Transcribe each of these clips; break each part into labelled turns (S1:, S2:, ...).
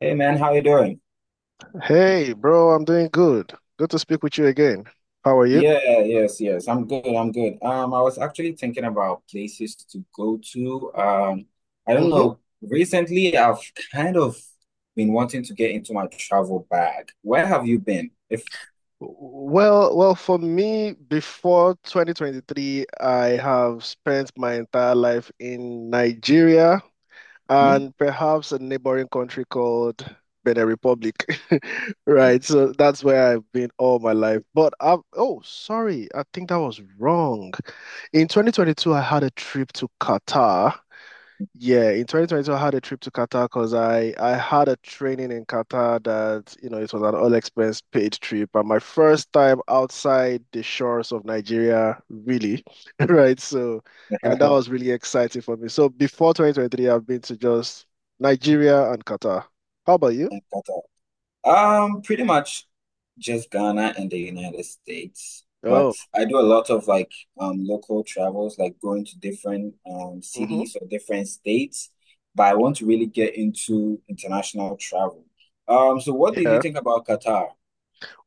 S1: Hey man, how you doing?
S2: Hey, bro, I'm doing good. Good to speak with you again. How are you?
S1: Yeah, yes, yes. I'm good. I'm good. I was actually thinking about places to go to. I don't
S2: hmm
S1: know. Recently, I've kind of been wanting to get into my travel bag. Where have you been? If
S2: well, for me, before 2023, I have spent my entire life in Nigeria
S1: Hmm?
S2: and perhaps a neighboring country called Benin Republic. Right, so that's where I've been all my life. But I've, oh, sorry, I think that was wrong. In 2022, I had a trip to Qatar. Yeah, in 2022, I had a trip to Qatar because I had a training in Qatar that it was an all expense paid trip and my first time outside the shores of Nigeria, really, right? And that was really exciting for me. So before 2023, I've been to just Nigeria and Qatar. How about you?
S1: Pretty much just Ghana and the United States. But
S2: Oh,
S1: I do a lot of like local travels, like going to different
S2: mm-hmm.
S1: cities or different states. But I want to really get into international travel. So what did you
S2: Yeah.
S1: think about Qatar?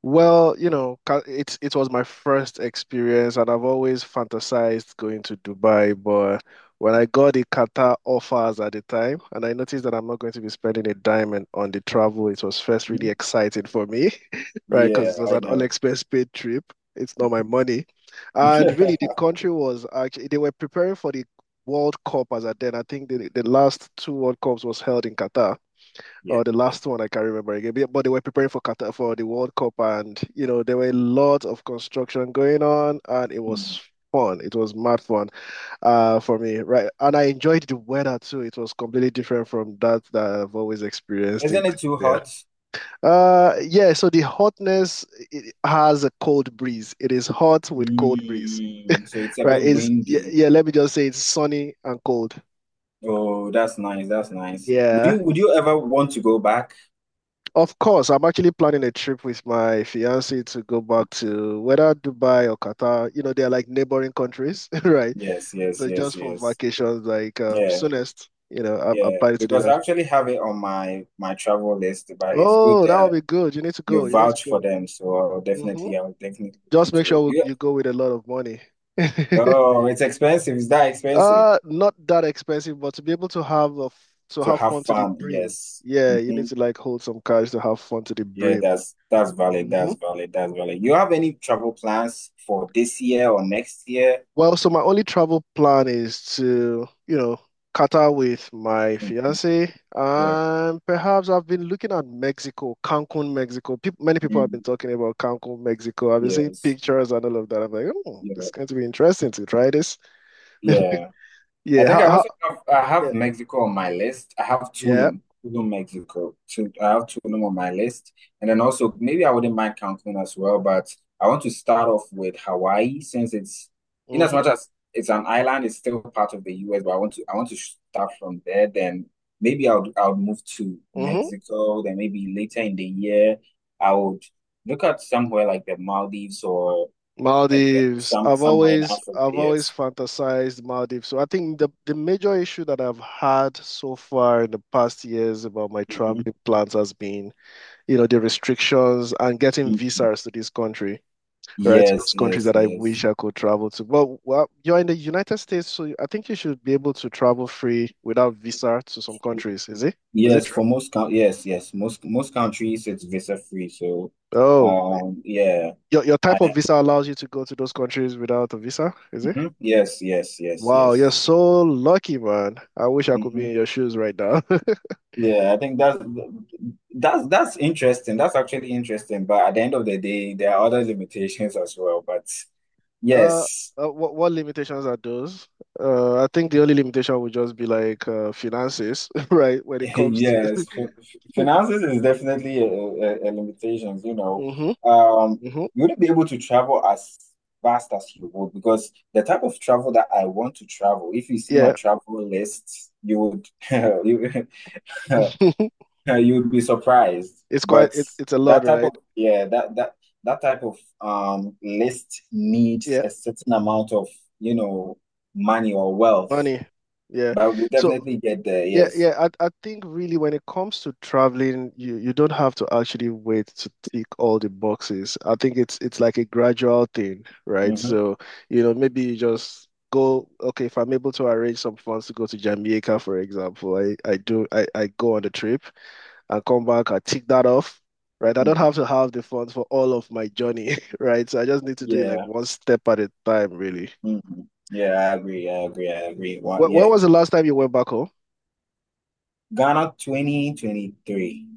S2: Well, you know, it was my first experience, and I've always fantasized going to Dubai. But when I got the Qatar offers at the time, and I noticed that I'm not going to be spending a dime and, on the travel, it was first
S1: Hmm?
S2: really exciting for me, right?
S1: Yeah,
S2: Because it was
S1: I
S2: an all
S1: know.
S2: expense paid trip. It's not my money, and really the country was actually they were preparing for the World Cup as at then. I think the last two World Cups was held in Qatar,
S1: Yeah,
S2: or the
S1: yeah.
S2: last one I can't remember again. But yeah, but they were preparing for Qatar for the World Cup, and you know there were lots of construction going on, and it was
S1: Mm.
S2: fun. It was mad fun, for me, right? And I enjoyed the weather too. It was completely different from that I've always experienced in
S1: Isn't it too
S2: Nigeria.
S1: hot?
S2: Yeah. So the hotness, it has a cold breeze. It is hot with cold breeze,
S1: So it's a
S2: right?
S1: bit
S2: It's yeah,
S1: windy.
S2: yeah. Let me just say it's sunny and cold.
S1: Oh, that's nice. That's nice. Would
S2: Yeah.
S1: you would you ever want to go back?
S2: Of course, I'm actually planning a trip with my fiance to go back to whether Dubai or Qatar. You know, they're like neighboring countries, right?
S1: Yes, yes,
S2: So
S1: yes,
S2: just for
S1: yes.
S2: vacations, like
S1: Yeah,
S2: soonest, I'm
S1: yeah,
S2: planning to do
S1: because I
S2: that.
S1: actually have it on my travel list, but it's good
S2: Oh, that would
S1: that
S2: be good. You need to go.
S1: you
S2: You need to
S1: vouch for
S2: go.
S1: them, so I'll
S2: hmm
S1: definitely I'll definitely look
S2: Just make
S1: into it.
S2: sure
S1: Yeah.
S2: you go with a lot of money.
S1: Oh, it's expensive. It's that expensive
S2: Not that expensive, but to be able to have to
S1: to
S2: have
S1: have
S2: fun to the
S1: fun.
S2: brim.
S1: Yes.
S2: Yeah, you
S1: Hmm.
S2: need to like hold some cash to have fun to the
S1: Yeah,
S2: brim.
S1: that's valid.
S2: Mm-hmm.
S1: That's valid. That's valid. You have any travel plans for this year or next year?
S2: Well, so my only travel plan is to, Qatar with my
S1: Mhm.
S2: fiance,
S1: Yeah.
S2: and perhaps I've been looking at Mexico, Cancun, Mexico. Peop Many people have been
S1: Mm.
S2: talking about Cancun, Mexico. I've been seeing
S1: Yes.
S2: pictures and all of that. I'm like, oh,
S1: Yeah.
S2: it's going to be interesting to try this.
S1: Yeah. I
S2: Yeah, how,
S1: think I
S2: how,
S1: also have I
S2: yeah,
S1: have Mexico on my list. I have
S2: yeah.
S1: Tulum, Mexico. So I have Tulum on my list, and then also maybe I wouldn't mind Cancun as well, but I want to start off with Hawaii since it's in as
S2: Mm-hmm,
S1: much as it's an island, it's still part of the US. But I want to start from there. Then maybe I'll move to
S2: mm-hmm.
S1: Mexico. Then maybe later in the year I would look at somewhere like the Maldives or
S2: Maldives.
S1: some somewhere in Africa.
S2: I've always
S1: Yes.
S2: fantasized Maldives. So I think the major issue that I've had so far in the past years about my traveling plans has been, you know, the restrictions and getting
S1: Mhm.
S2: visas to this country, right? To those
S1: Yes,
S2: countries
S1: yes,
S2: that I wish
S1: yes.
S2: I could travel to. But well, you're in the United States, so I think you should be able to travel free without visa to some countries. Is it? Is it
S1: Yes,
S2: true?
S1: for most coun yes, yes. Most countries it's visa free. So
S2: Oh,
S1: yeah.
S2: your
S1: I
S2: type of visa allows you to go to those countries without a visa, is it?
S1: Mhm. Yes, yes, yes,
S2: Wow,
S1: yes.
S2: you're so lucky, man. I wish I could be
S1: Hmm.
S2: in your shoes right now.
S1: Yeah, I think that's interesting. That's actually interesting. But at the end of the day, there are other limitations as well. But
S2: Uh,
S1: yes.
S2: uh, what limitations are those? I think the only limitation would just be like finances, right? When it comes
S1: Yes,
S2: to
S1: finances is definitely a limitations, you know. Um,
S2: hmm
S1: you wouldn't be able to travel as fast as you would because the type of travel that I want to travel, if you see my
S2: Yeah.
S1: travel list, you would you, you would be surprised.
S2: It's quite
S1: But
S2: it's a lot,
S1: that type of
S2: right?
S1: yeah, that type of list needs
S2: Yeah,
S1: a certain amount of, you know, money or wealth.
S2: money. Yeah.
S1: But we'll
S2: So
S1: definitely get there,
S2: yeah,
S1: yes.
S2: yeah, I think really when it comes to traveling, you don't have to actually wait to tick all the boxes. I think it's like a gradual thing, right?
S1: Hmm.
S2: So, you know, maybe you just go, okay, if I'm able to arrange some funds to go to Jamaica, for example, I do I go on the trip, and come back and tick that off, right? I don't have to have the funds for all of my journey, right? So I just need to do it like
S1: Yeah.
S2: one step at a time, really.
S1: Hmm. Yeah, I agree. I agree. I agree. What?
S2: Where
S1: Yeah,
S2: was the last time you went back home?
S1: Ghana, 2023.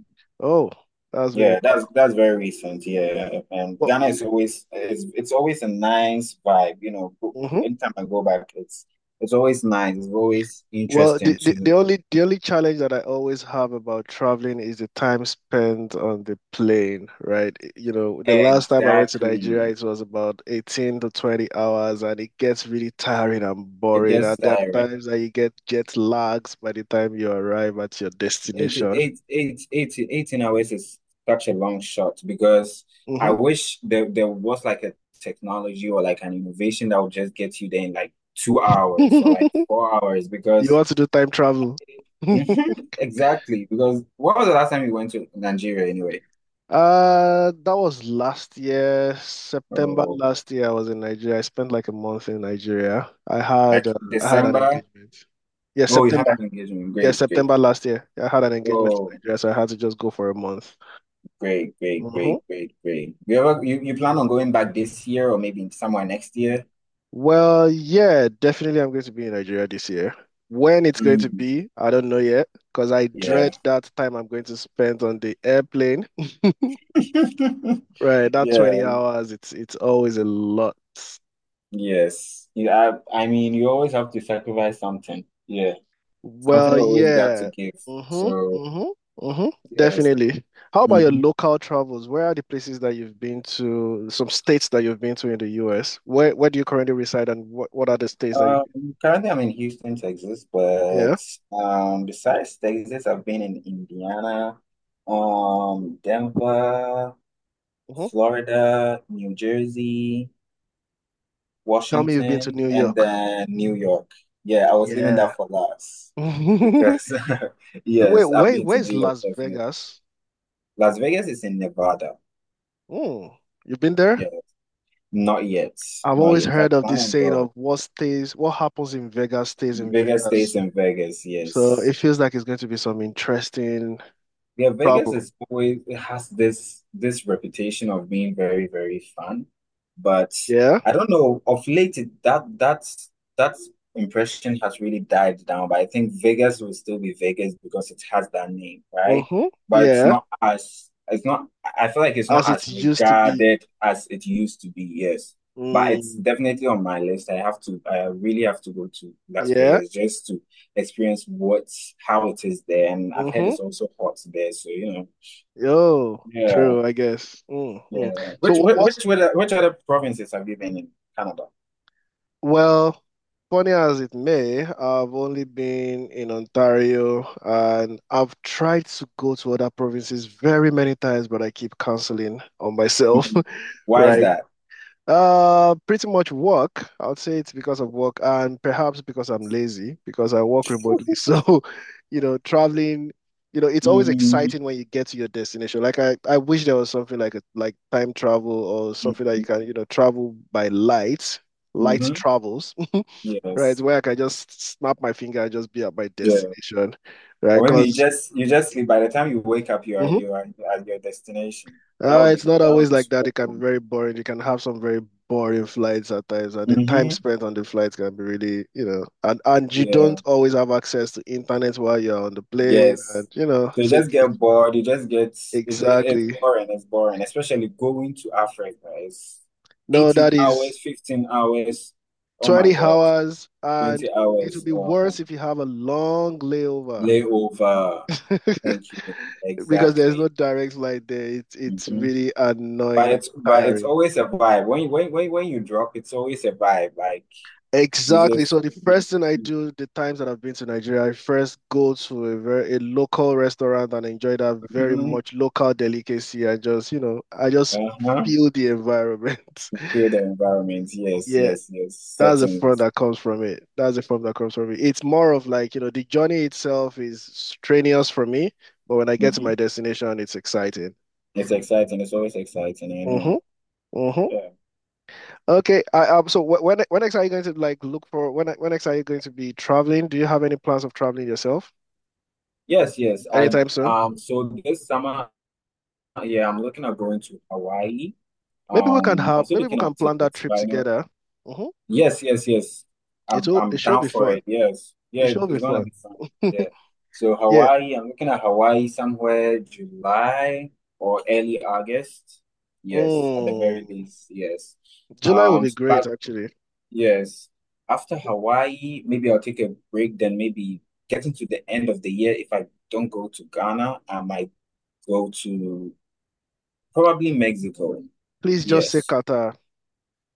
S2: Oh, that's been a
S1: Yeah,
S2: while.
S1: that's very recent. Yeah, and
S2: Well,
S1: Ghana, is always it's always a nice vibe. You know,
S2: mhm.
S1: anytime I go back, it's always nice. It's always
S2: Well, the,
S1: interesting
S2: the,
S1: to.
S2: the only challenge that I always have about traveling is the time spent on the plane, right? You know, the last time I went to Nigeria,
S1: Exactly.
S2: it was about 18 to 20 hours, and it gets really tiring and
S1: It
S2: boring. And
S1: gets
S2: there are
S1: tiring.
S2: times that you get jet lags by the time you arrive at your
S1: 18,
S2: destination.
S1: 18, 18 hours is such a long shot because I
S2: hmm
S1: wish there was like a technology or like an innovation that would just get you there in like two hours or like
S2: You
S1: 4 hours because
S2: want to do time travel?
S1: Mhm, exactly. Because what was the last time you went to Nigeria anyway?
S2: That was last year, September
S1: Oh,
S2: last year. I was in Nigeria. I spent like a month in Nigeria.
S1: like
S2: I had an
S1: December.
S2: engagement. Yeah,
S1: Oh, you had
S2: September.
S1: an engagement.
S2: Yeah,
S1: Great, great.
S2: September last year. I had an engagement in
S1: Oh,
S2: Nigeria, so I had to just go for a month.
S1: great, great,
S2: hmm
S1: great, great, great. You ever you, you plan on going back this year or maybe somewhere next year?
S2: Well, yeah, definitely I'm going to be in Nigeria this year. When it's going to
S1: Mm,
S2: be, I don't know yet, because I dread
S1: yeah.
S2: that time I'm going to spend on the airplane. Right, that 20
S1: Yeah,
S2: hours, it's always a lot.
S1: yes. Yeah, I mean, you always have to sacrifice something. Yeah, something
S2: Well,
S1: always got to
S2: yeah.
S1: give.
S2: Mm-hmm.
S1: So,
S2: Mm-hmm. Mm-hmm.
S1: yes.
S2: Definitely. How about your
S1: Hmm.
S2: local travels? Where are the places that you've been to, some states that you've been to in the US? Where do you currently reside and what are the states that you've
S1: Um,
S2: been to?
S1: currently I'm in Houston, Texas,
S2: Yeah.
S1: but besides Texas, I've been in Indiana, Denver,
S2: Mm-hmm.
S1: Florida, New Jersey,
S2: Tell me you've been to
S1: Washington,
S2: New
S1: and
S2: York.
S1: then New York. Yeah, I was leaving that
S2: Yeah.
S1: for last
S2: Wait,
S1: because
S2: wait,
S1: yes, I've been to
S2: where's
S1: New York.
S2: Las Vegas?
S1: Las Vegas is in Nevada.
S2: Mm. You've been
S1: Yeah,
S2: there?
S1: not yet.
S2: I've
S1: Not
S2: always
S1: yet. I
S2: heard of
S1: plan
S2: this
S1: on
S2: saying
S1: going.
S2: of what stays, what happens in Vegas stays in
S1: Vegas
S2: Vegas.
S1: stays in Vegas.
S2: So
S1: Yes.
S2: it feels like it's going to be some interesting
S1: Yeah, Vegas,
S2: travel.
S1: is always it has this reputation of being very, very fun, but
S2: Yeah.
S1: I don't know, of late it, that that's that impression has really died down. But I think Vegas will still be Vegas because it has that name, right?
S2: Mm-hmm.
S1: But it's
S2: Yeah.
S1: not as it's not I feel like it's
S2: As
S1: not
S2: it
S1: as
S2: used to be.
S1: regarded as it used to be, yes. But it's
S2: Mm.
S1: definitely on my list. I really have to go to Las
S2: Yeah.
S1: Vegas just to experience what how it is there. And I've heard
S2: Mm-hmm.
S1: it's also hot there, so
S2: Yo,
S1: yeah,
S2: true, I guess. Mm-hmm.
S1: yeah.
S2: So
S1: Which
S2: what,
S1: which
S2: what's
S1: which other provinces have you been in Canada?
S2: well, funny as it may, I've only been in Ontario and I've tried to go to other provinces very many times, but I keep canceling on myself,
S1: Mhm. Why is
S2: right?
S1: that?
S2: Pretty much work. I would say it's because of work and perhaps because I'm lazy because I work remotely. So, you know, traveling, you know, it's always
S1: Mm-hmm.
S2: exciting when you get to your destination. Like I wish there was something like a like time travel or something that you can, you know, travel by light, light
S1: Hmm.
S2: travels, right?
S1: Yes.
S2: Where I can just snap my finger and just be at my
S1: Yeah.
S2: destination, right?
S1: Or maybe you
S2: Because
S1: just you just sleep. By the time you wake up, you are at your destination. That would be
S2: It's not
S1: that would
S2: always
S1: be
S2: like that.
S1: super
S2: It can be
S1: cool.
S2: very boring. You can have some very boring flights at times, and the time
S1: Hmm.
S2: spent on the flights can be really, you know, and you don't
S1: Yeah.
S2: always have access to internet while you're on the plane, and
S1: Yes.
S2: you know,
S1: So you
S2: so it
S1: just get
S2: gets,
S1: bored, you just get it, it-
S2: exactly.
S1: it's boring, especially going to Africa. It's
S2: No,
S1: 18
S2: that is
S1: hours, 15 hours. Oh my
S2: 20
S1: God,
S2: hours, and
S1: 20
S2: it will
S1: hours
S2: be worse if you have a long layover
S1: layover. Thank you.
S2: because there's no
S1: Exactly.
S2: direct flight there. It's
S1: Hmm.
S2: really
S1: But
S2: annoying and
S1: it's but it's
S2: tiring.
S1: always a vibe. When you drop, it's always a vibe. Like you
S2: Exactly.
S1: just.
S2: So the first thing I do the times that I've been to Nigeria, I first go to a very a local restaurant and enjoy that very
S1: Mhm.
S2: much local delicacy. I just, you know, I just
S1: Uh-huh.
S2: feel the environment.
S1: Feel the environment. Yes,
S2: Yeah,
S1: yes, yes.
S2: that's the fun
S1: Settings.
S2: that comes from it. That's the fun that comes from it. It's more of like, you know, the journey itself is strenuous for me, but when I get to my destination, it's exciting.
S1: It's exciting. It's always exciting, I know.
S2: Mm-hmm. Mm-hmm.
S1: Yeah.
S2: Okay. I. So when next are you going to like look for when next are you going to be traveling? Do you have any plans of traveling yourself?
S1: Yes, yes. I
S2: Anytime soon.
S1: so this summer, yeah, I'm looking at going to Hawaii.
S2: Maybe we can have,
S1: I'm still
S2: maybe we
S1: looking
S2: can
S1: up
S2: plan that
S1: tickets,
S2: trip
S1: but I know.
S2: together. Mm-hmm.
S1: Yes, yes, yes. I'm
S2: It'll,
S1: I'm
S2: it should
S1: down
S2: be
S1: for
S2: fun.
S1: it. Yes. Yeah,
S2: It should be
S1: it's gonna
S2: fun.
S1: be fun. Yeah. So
S2: Yeah.
S1: Hawaii, I'm looking at Hawaii somewhere July or early August. Yes, at the very
S2: Mm.
S1: least, yes.
S2: July will
S1: Um,
S2: be great,
S1: but
S2: actually.
S1: yes. After Hawaii, maybe I'll take a break. Then maybe getting to the end of the year, if I don't go to Ghana, I might go to probably Mexico.
S2: Please just say
S1: Yes.
S2: Qatar.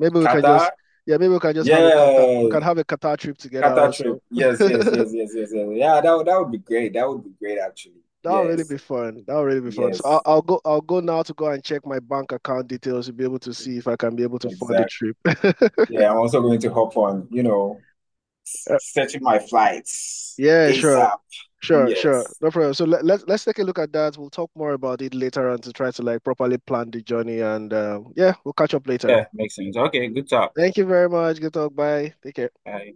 S2: Maybe we can just,
S1: Qatar?
S2: yeah, maybe we can just have a Qatar. We
S1: Yeah.
S2: can have a Qatar trip together
S1: Qatar trip.
S2: also.
S1: Yes, yes, yes, yes, yes, yes. Yeah, that would be great. That would be great actually.
S2: That'll really
S1: Yes.
S2: be fun. That'll really be fun. So
S1: Yes.
S2: I'll go. I'll go now to go and check my bank account details to be able to see if I can be able to fund the
S1: Exactly.
S2: trip.
S1: Yeah, I'm also going to hop on,
S2: All
S1: searching my flights
S2: Yeah, sure.
S1: ASAP.
S2: Sure, sure.
S1: Yes.
S2: No problem. So let's take a look at that. We'll talk more about it later on to try to like properly plan the journey and yeah, we'll catch up later.
S1: Yeah, makes sense. Okay, good talk.
S2: Thank you very much. Good talk. Bye. Take care.
S1: Bye.